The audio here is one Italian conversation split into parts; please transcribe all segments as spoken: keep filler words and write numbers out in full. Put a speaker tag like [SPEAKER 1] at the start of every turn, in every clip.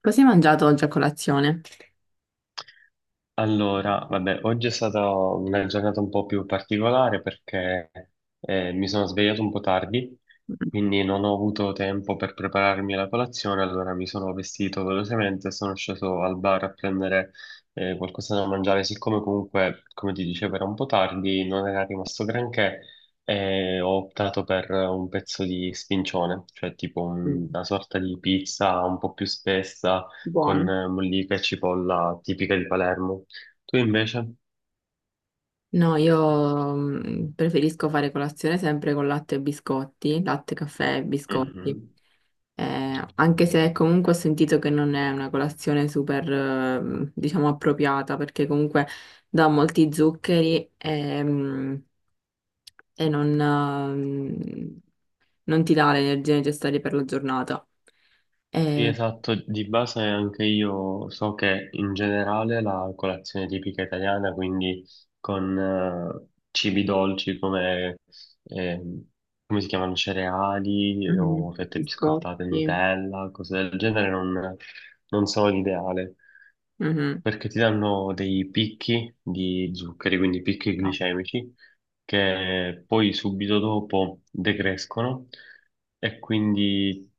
[SPEAKER 1] Cosa hai mangiato oggi a colazione?
[SPEAKER 2] Allora, vabbè, oggi è stata una giornata un po' più particolare perché eh, mi sono svegliato un po' tardi,
[SPEAKER 1] Mm.
[SPEAKER 2] quindi non ho avuto tempo per prepararmi la colazione, allora mi sono vestito velocemente e sono sceso al bar a prendere eh, qualcosa da mangiare, siccome comunque, come ti dicevo, era un po' tardi, non era rimasto granché. Eh, ho optato per un pezzo di spincione, cioè tipo
[SPEAKER 1] Mm.
[SPEAKER 2] una sorta di pizza un po' più spessa con
[SPEAKER 1] Buono.
[SPEAKER 2] eh, mollica e cipolla tipica di Palermo. Tu invece?
[SPEAKER 1] No, io mm, preferisco fare colazione sempre con latte e biscotti, latte, caffè e biscotti.
[SPEAKER 2] Mhm.
[SPEAKER 1] Eh, anche se comunque ho sentito che non è una colazione super, eh, diciamo, appropriata, perché comunque dà molti zuccheri e, mm, e non, eh, non ti dà le energie necessarie per la giornata.
[SPEAKER 2] Sì,
[SPEAKER 1] Eh.
[SPEAKER 2] esatto, di base anche io so che in generale la colazione tipica italiana, quindi con eh, cibi dolci come, ehm, come si chiamano, cereali
[SPEAKER 1] Mhm.
[SPEAKER 2] o fette biscottate,
[SPEAKER 1] Biscotti.
[SPEAKER 2] Nutella, cose del genere, non, non sono l'ideale,
[SPEAKER 1] Mhm.
[SPEAKER 2] perché ti danno dei picchi di zuccheri, quindi picchi
[SPEAKER 1] Ah.
[SPEAKER 2] glicemici, che poi subito dopo decrescono e quindi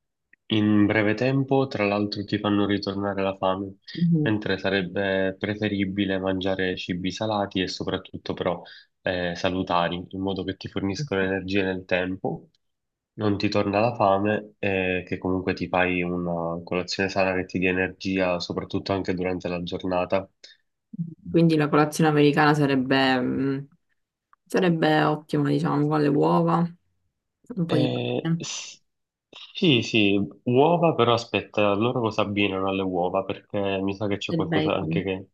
[SPEAKER 2] in breve tempo, tra l'altro, ti fanno ritornare la fame,
[SPEAKER 1] Mhm.
[SPEAKER 2] mentre sarebbe preferibile mangiare cibi salati e soprattutto però eh, salutari, in modo che ti forniscono energie nel tempo, non ti torna la fame e che comunque ti fai una colazione sana che ti dia energia, soprattutto anche durante la giornata.
[SPEAKER 1] Quindi la colazione americana sarebbe, mh, sarebbe ottima, diciamo, con le uova, un po' di
[SPEAKER 2] Eh,
[SPEAKER 1] pane,
[SPEAKER 2] s- sì, sì, uova, però aspetta, loro cosa abbinano alle uova? Perché mi sa che c'è
[SPEAKER 1] del
[SPEAKER 2] qualcosa anche
[SPEAKER 1] bacon.
[SPEAKER 2] che.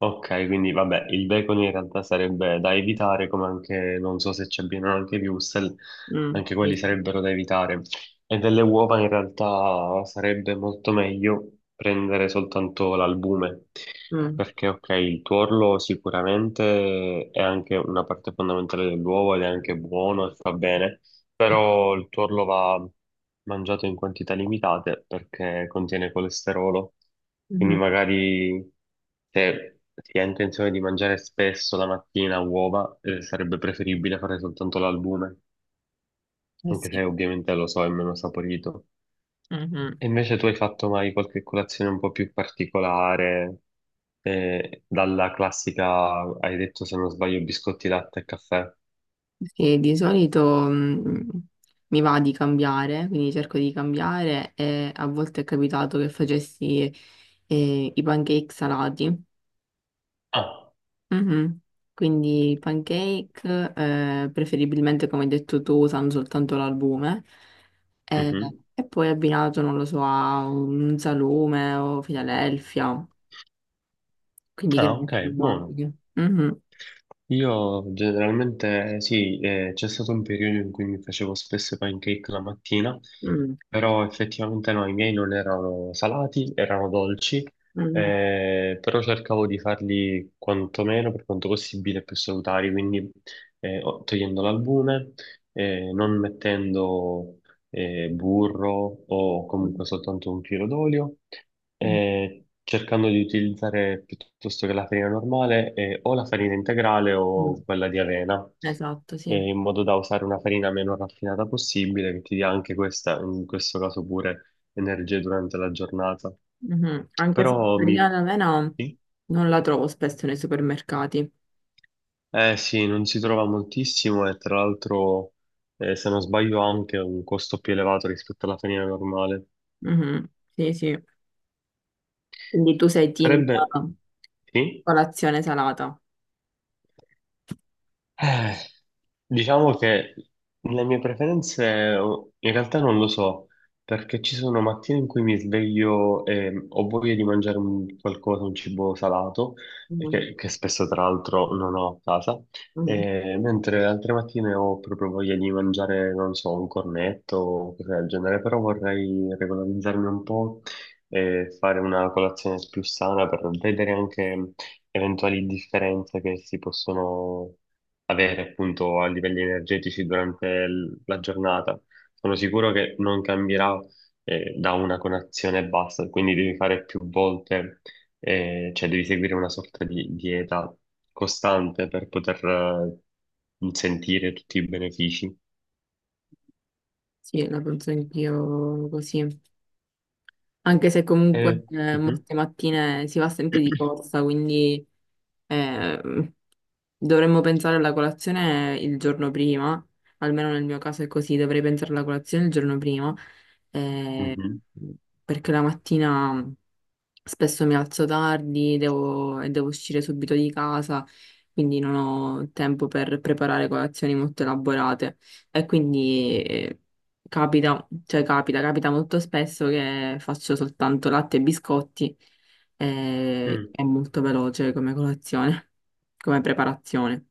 [SPEAKER 2] Ok, quindi vabbè, il bacon in realtà sarebbe da evitare, come anche, non so se ci abbiano anche i wurstel,
[SPEAKER 1] Mm,
[SPEAKER 2] anche quelli
[SPEAKER 1] sì, sì.
[SPEAKER 2] sarebbero da evitare. E delle uova in realtà sarebbe molto meglio prendere soltanto l'albume,
[SPEAKER 1] Mm,
[SPEAKER 2] perché ok, il tuorlo sicuramente è anche una parte fondamentale dell'uovo ed è anche buono e fa bene,
[SPEAKER 1] sì.
[SPEAKER 2] però il tuorlo va mangiato in quantità limitate perché contiene colesterolo, quindi
[SPEAKER 1] Mhm.
[SPEAKER 2] magari se si ha intenzione di mangiare spesso la mattina uova, eh, sarebbe preferibile fare soltanto l'albume,
[SPEAKER 1] Eh
[SPEAKER 2] anche
[SPEAKER 1] sì.
[SPEAKER 2] se ovviamente lo so, è meno saporito.
[SPEAKER 1] Mhm.
[SPEAKER 2] E invece tu hai fatto mai qualche colazione un po' più particolare, eh, dalla classica, hai detto se non sbaglio, biscotti, latte e caffè?
[SPEAKER 1] Sì, di solito mh, mi va di cambiare, quindi cerco di cambiare e a volte è capitato che facessi eh, i pancake salati.
[SPEAKER 2] Ah,
[SPEAKER 1] Mhm. Quindi pancake, eh, preferibilmente come hai detto tu, usano soltanto l'albume e,
[SPEAKER 2] mhm.
[SPEAKER 1] e poi abbinato, non lo so, a un salume o Filadelfia, quindi che
[SPEAKER 2] Ah, ok, buono.
[SPEAKER 1] formaggi. Mhm.
[SPEAKER 2] Io generalmente sì, eh, c'è stato un periodo in cui mi facevo spesso i pancake la mattina,
[SPEAKER 1] Mm.
[SPEAKER 2] però effettivamente no, i miei non erano salati, erano dolci,
[SPEAKER 1] Mm.
[SPEAKER 2] eh, però cercavo di farli quantomeno per quanto possibile più salutari, quindi eh, o- togliendo l'albume, eh, non mettendo eh, burro o
[SPEAKER 1] Mm.
[SPEAKER 2] comunque soltanto un filo d'olio, eh, cercando di utilizzare piuttosto che la farina normale, eh, o la farina integrale
[SPEAKER 1] Mm.
[SPEAKER 2] o quella di avena,
[SPEAKER 1] Esatto, sì.
[SPEAKER 2] eh, in modo da usare una farina meno raffinata possibile, che ti dia anche questa, in questo caso pure, energie durante la giornata.
[SPEAKER 1] Mhm. Anche se
[SPEAKER 2] Però mi...
[SPEAKER 1] l'origano avena
[SPEAKER 2] sì?
[SPEAKER 1] non la trovo spesso nei supermercati.
[SPEAKER 2] Eh sì, non si trova moltissimo e tra l'altro, eh, se non sbaglio, ha anche un costo più elevato rispetto alla farina normale.
[SPEAKER 1] Mhm. Sì, sì. Quindi tu sei team
[SPEAKER 2] Sarebbe...
[SPEAKER 1] eh,
[SPEAKER 2] Sì?
[SPEAKER 1] colazione salata.
[SPEAKER 2] Eh, diciamo che le mie preferenze oh, in realtà non lo so, perché ci sono mattine in cui mi sveglio e mm, ho voglia di mangiare un qualcosa, un cibo salato, e
[SPEAKER 1] Mhm.
[SPEAKER 2] che, che spesso tra l'altro non ho a casa,
[SPEAKER 1] Mhm.
[SPEAKER 2] e mentre altre mattine ho proprio voglia di mangiare, non so, un cornetto o cose del genere, però vorrei regolarizzarmi un po' e fare una colazione più sana per vedere anche eventuali differenze che si possono avere appunto a livelli energetici durante l- la giornata. Sono sicuro che non cambierà eh, da una colazione e basta, quindi devi fare più volte, eh, cioè devi seguire una sorta di dieta costante per poter eh, sentire tutti i benefici.
[SPEAKER 1] Sì, la penso anch'io così. Anche se comunque
[SPEAKER 2] Eh,
[SPEAKER 1] eh,
[SPEAKER 2] mhm.
[SPEAKER 1] molte mattine si va sempre di corsa, quindi eh, dovremmo pensare alla colazione il giorno prima. Almeno nel mio caso è così, dovrei pensare alla colazione il giorno prima
[SPEAKER 2] Mhm.
[SPEAKER 1] perché la mattina spesso mi alzo tardi devo- e devo uscire subito di casa, quindi non ho tempo per preparare colazioni molto elaborate. E quindi eh, capita, cioè capita, capita molto spesso che faccio soltanto latte e biscotti. Eh,
[SPEAKER 2] Mm.
[SPEAKER 1] è molto veloce come colazione, come preparazione.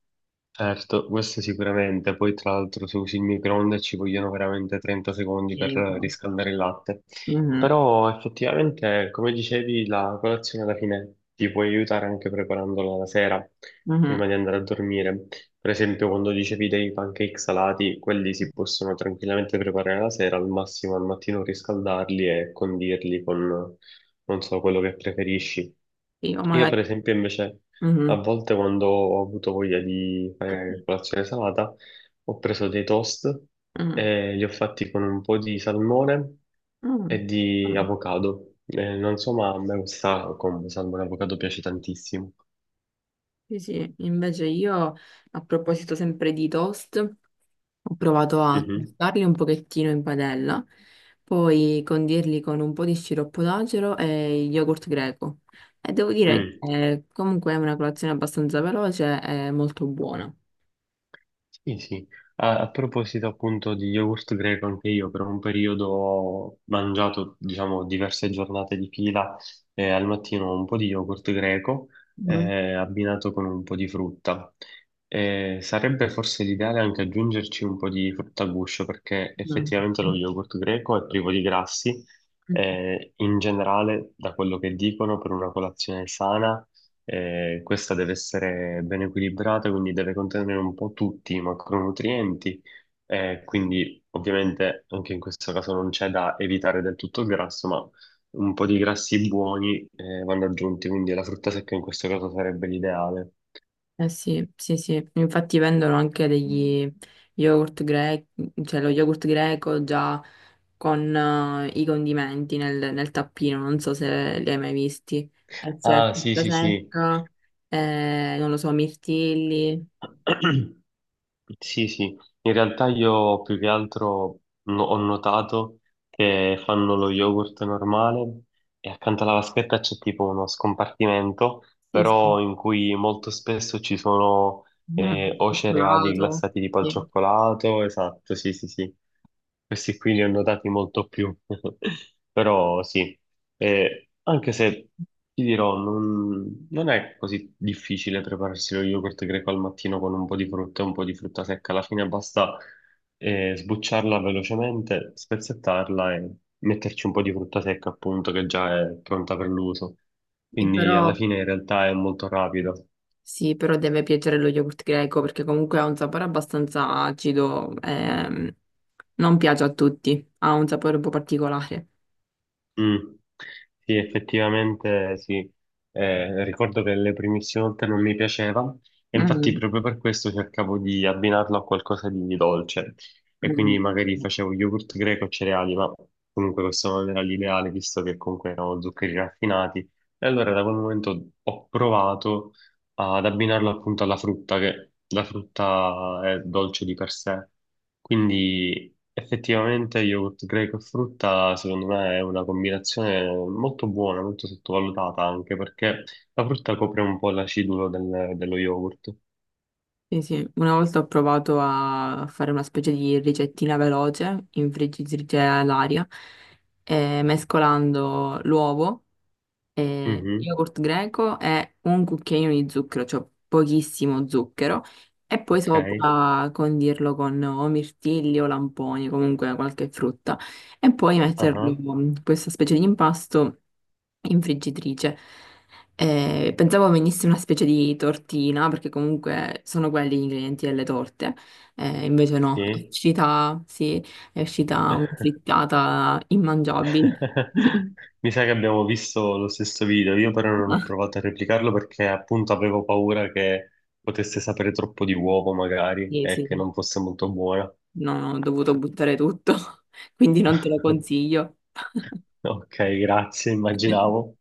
[SPEAKER 2] Certo, questo sicuramente. Poi tra l'altro se usi il microonde ci vogliono veramente trenta secondi per
[SPEAKER 1] Sì, un po'.
[SPEAKER 2] riscaldare il latte.
[SPEAKER 1] Mhm,
[SPEAKER 2] Però effettivamente, come dicevi, la colazione alla fine ti può aiutare anche preparandola la sera,
[SPEAKER 1] mhm.
[SPEAKER 2] prima di andare a dormire. Per esempio, quando dicevi dei pancake salati, quelli si possono tranquillamente preparare la sera, al massimo al mattino riscaldarli e condirli con, non so, quello che preferisci.
[SPEAKER 1] Io
[SPEAKER 2] Io
[SPEAKER 1] magari...
[SPEAKER 2] per esempio invece a
[SPEAKER 1] Mhm,
[SPEAKER 2] volte quando ho avuto voglia di fare colazione salata, ho preso dei toast
[SPEAKER 1] mhm,
[SPEAKER 2] e li ho fatti con un po' di salmone
[SPEAKER 1] mhm,
[SPEAKER 2] e di
[SPEAKER 1] mhm.
[SPEAKER 2] avocado. Eh, non so, ma a me questa combo salmone e avocado piace tantissimo.
[SPEAKER 1] Sì, sì, invece io a proposito sempre di toast, ho provato a
[SPEAKER 2] Mhm.
[SPEAKER 1] tostarli un pochettino in padella, poi condirli con un po' di sciroppo d'acero e yogurt greco. E devo dire
[SPEAKER 2] Mm.
[SPEAKER 1] che eh, comunque è una colazione abbastanza veloce e molto buona.
[SPEAKER 2] Sì, sì. A, a proposito appunto di yogurt greco, anche io per un periodo ho mangiato, diciamo, diverse giornate di fila eh, al mattino un po' di yogurt greco
[SPEAKER 1] Mm.
[SPEAKER 2] eh, abbinato con un po' di frutta. Eh, sarebbe forse l'ideale anche aggiungerci un po' di frutta a guscio perché
[SPEAKER 1] Mm.
[SPEAKER 2] effettivamente lo yogurt greco è privo di grassi. Eh, in generale, da quello che dicono, per una colazione sana eh, questa deve essere ben equilibrata, quindi deve contenere un po' tutti i macronutrienti, eh, quindi ovviamente anche in questo caso non c'è da evitare del tutto il grasso, ma un po' di grassi buoni, eh, vanno aggiunti, quindi la frutta secca in questo caso sarebbe l'ideale.
[SPEAKER 1] Eh sì, sì, sì, infatti vendono anche degli yogurt greco, cioè lo yogurt greco già con eh, i condimenti nel, nel tappino, non so se li hai mai visti. E c'è
[SPEAKER 2] Ah, sì,
[SPEAKER 1] frutta
[SPEAKER 2] sì, sì.
[SPEAKER 1] secca, eh, non lo so, mirtilli,
[SPEAKER 2] Sì, sì, in realtà io più che altro no- ho notato che fanno lo yogurt normale e accanto alla vaschetta c'è tipo uno scompartimento,
[SPEAKER 1] sì, sì.
[SPEAKER 2] però in cui molto spesso ci sono eh,
[SPEAKER 1] Mm,
[SPEAKER 2] o cereali
[SPEAKER 1] cioccolato,
[SPEAKER 2] glassati tipo al
[SPEAKER 1] sì.
[SPEAKER 2] cioccolato, esatto, sì, sì, sì, questi qui li ho notati molto più, però sì. Eh, anche se ti dirò, non, non è così difficile prepararsi lo yogurt greco al mattino con un po' di frutta e un po' di frutta secca. Alla fine basta eh, sbucciarla velocemente, spezzettarla e metterci un po' di frutta secca, appunto, che già è pronta per l'uso.
[SPEAKER 1] Sì,
[SPEAKER 2] Quindi alla
[SPEAKER 1] però,
[SPEAKER 2] fine in realtà è molto rapido.
[SPEAKER 1] sì, però deve piacere lo yogurt greco perché comunque ha un sapore abbastanza acido, ehm, non piace a tutti, ha un sapore un po' particolare.
[SPEAKER 2] Mm. Sì, effettivamente sì. Eh, ricordo che le primissime volte non mi piaceva e infatti
[SPEAKER 1] Mm,
[SPEAKER 2] proprio per questo cercavo di abbinarlo a qualcosa di dolce e
[SPEAKER 1] mm.
[SPEAKER 2] quindi magari facevo yogurt greco e cereali, ma comunque questo non era l'ideale visto che comunque erano zuccheri raffinati e allora da quel momento ho provato ad abbinarlo appunto alla frutta, che la frutta è dolce di per sé, quindi effettivamente yogurt greco e frutta secondo me è una combinazione molto buona, molto sottovalutata anche perché la frutta copre un po' l'acidulo del- dello yogurt.
[SPEAKER 1] Sì, sì, una volta ho provato a fare una specie di ricettina veloce in friggitrice all'aria, eh, mescolando l'uovo, eh,
[SPEAKER 2] Mhm.
[SPEAKER 1] yogurt greco e un cucchiaino di zucchero, cioè pochissimo zucchero, e poi
[SPEAKER 2] Ok,
[SPEAKER 1] sopra condirlo con o mirtilli o lamponi, comunque qualche frutta, e poi metterlo
[SPEAKER 2] ah,
[SPEAKER 1] in questa specie di impasto in friggitrice. Eh, pensavo venisse una specie di tortina, perché comunque sono quelli gli ingredienti delle torte. Eh, invece no, è
[SPEAKER 2] sì.
[SPEAKER 1] uscita, sì, è uscita una frittata immangiabile.
[SPEAKER 2] Mi sa che abbiamo visto lo stesso video, io però non
[SPEAKER 1] Ah,
[SPEAKER 2] ho provato a replicarlo perché appunto avevo paura che potesse sapere troppo di uovo magari
[SPEAKER 1] sì,
[SPEAKER 2] e
[SPEAKER 1] sì,
[SPEAKER 2] che non fosse molto buona.
[SPEAKER 1] no, no, ho dovuto buttare tutto, quindi non te lo consiglio.
[SPEAKER 2] Ok, grazie, immaginavo.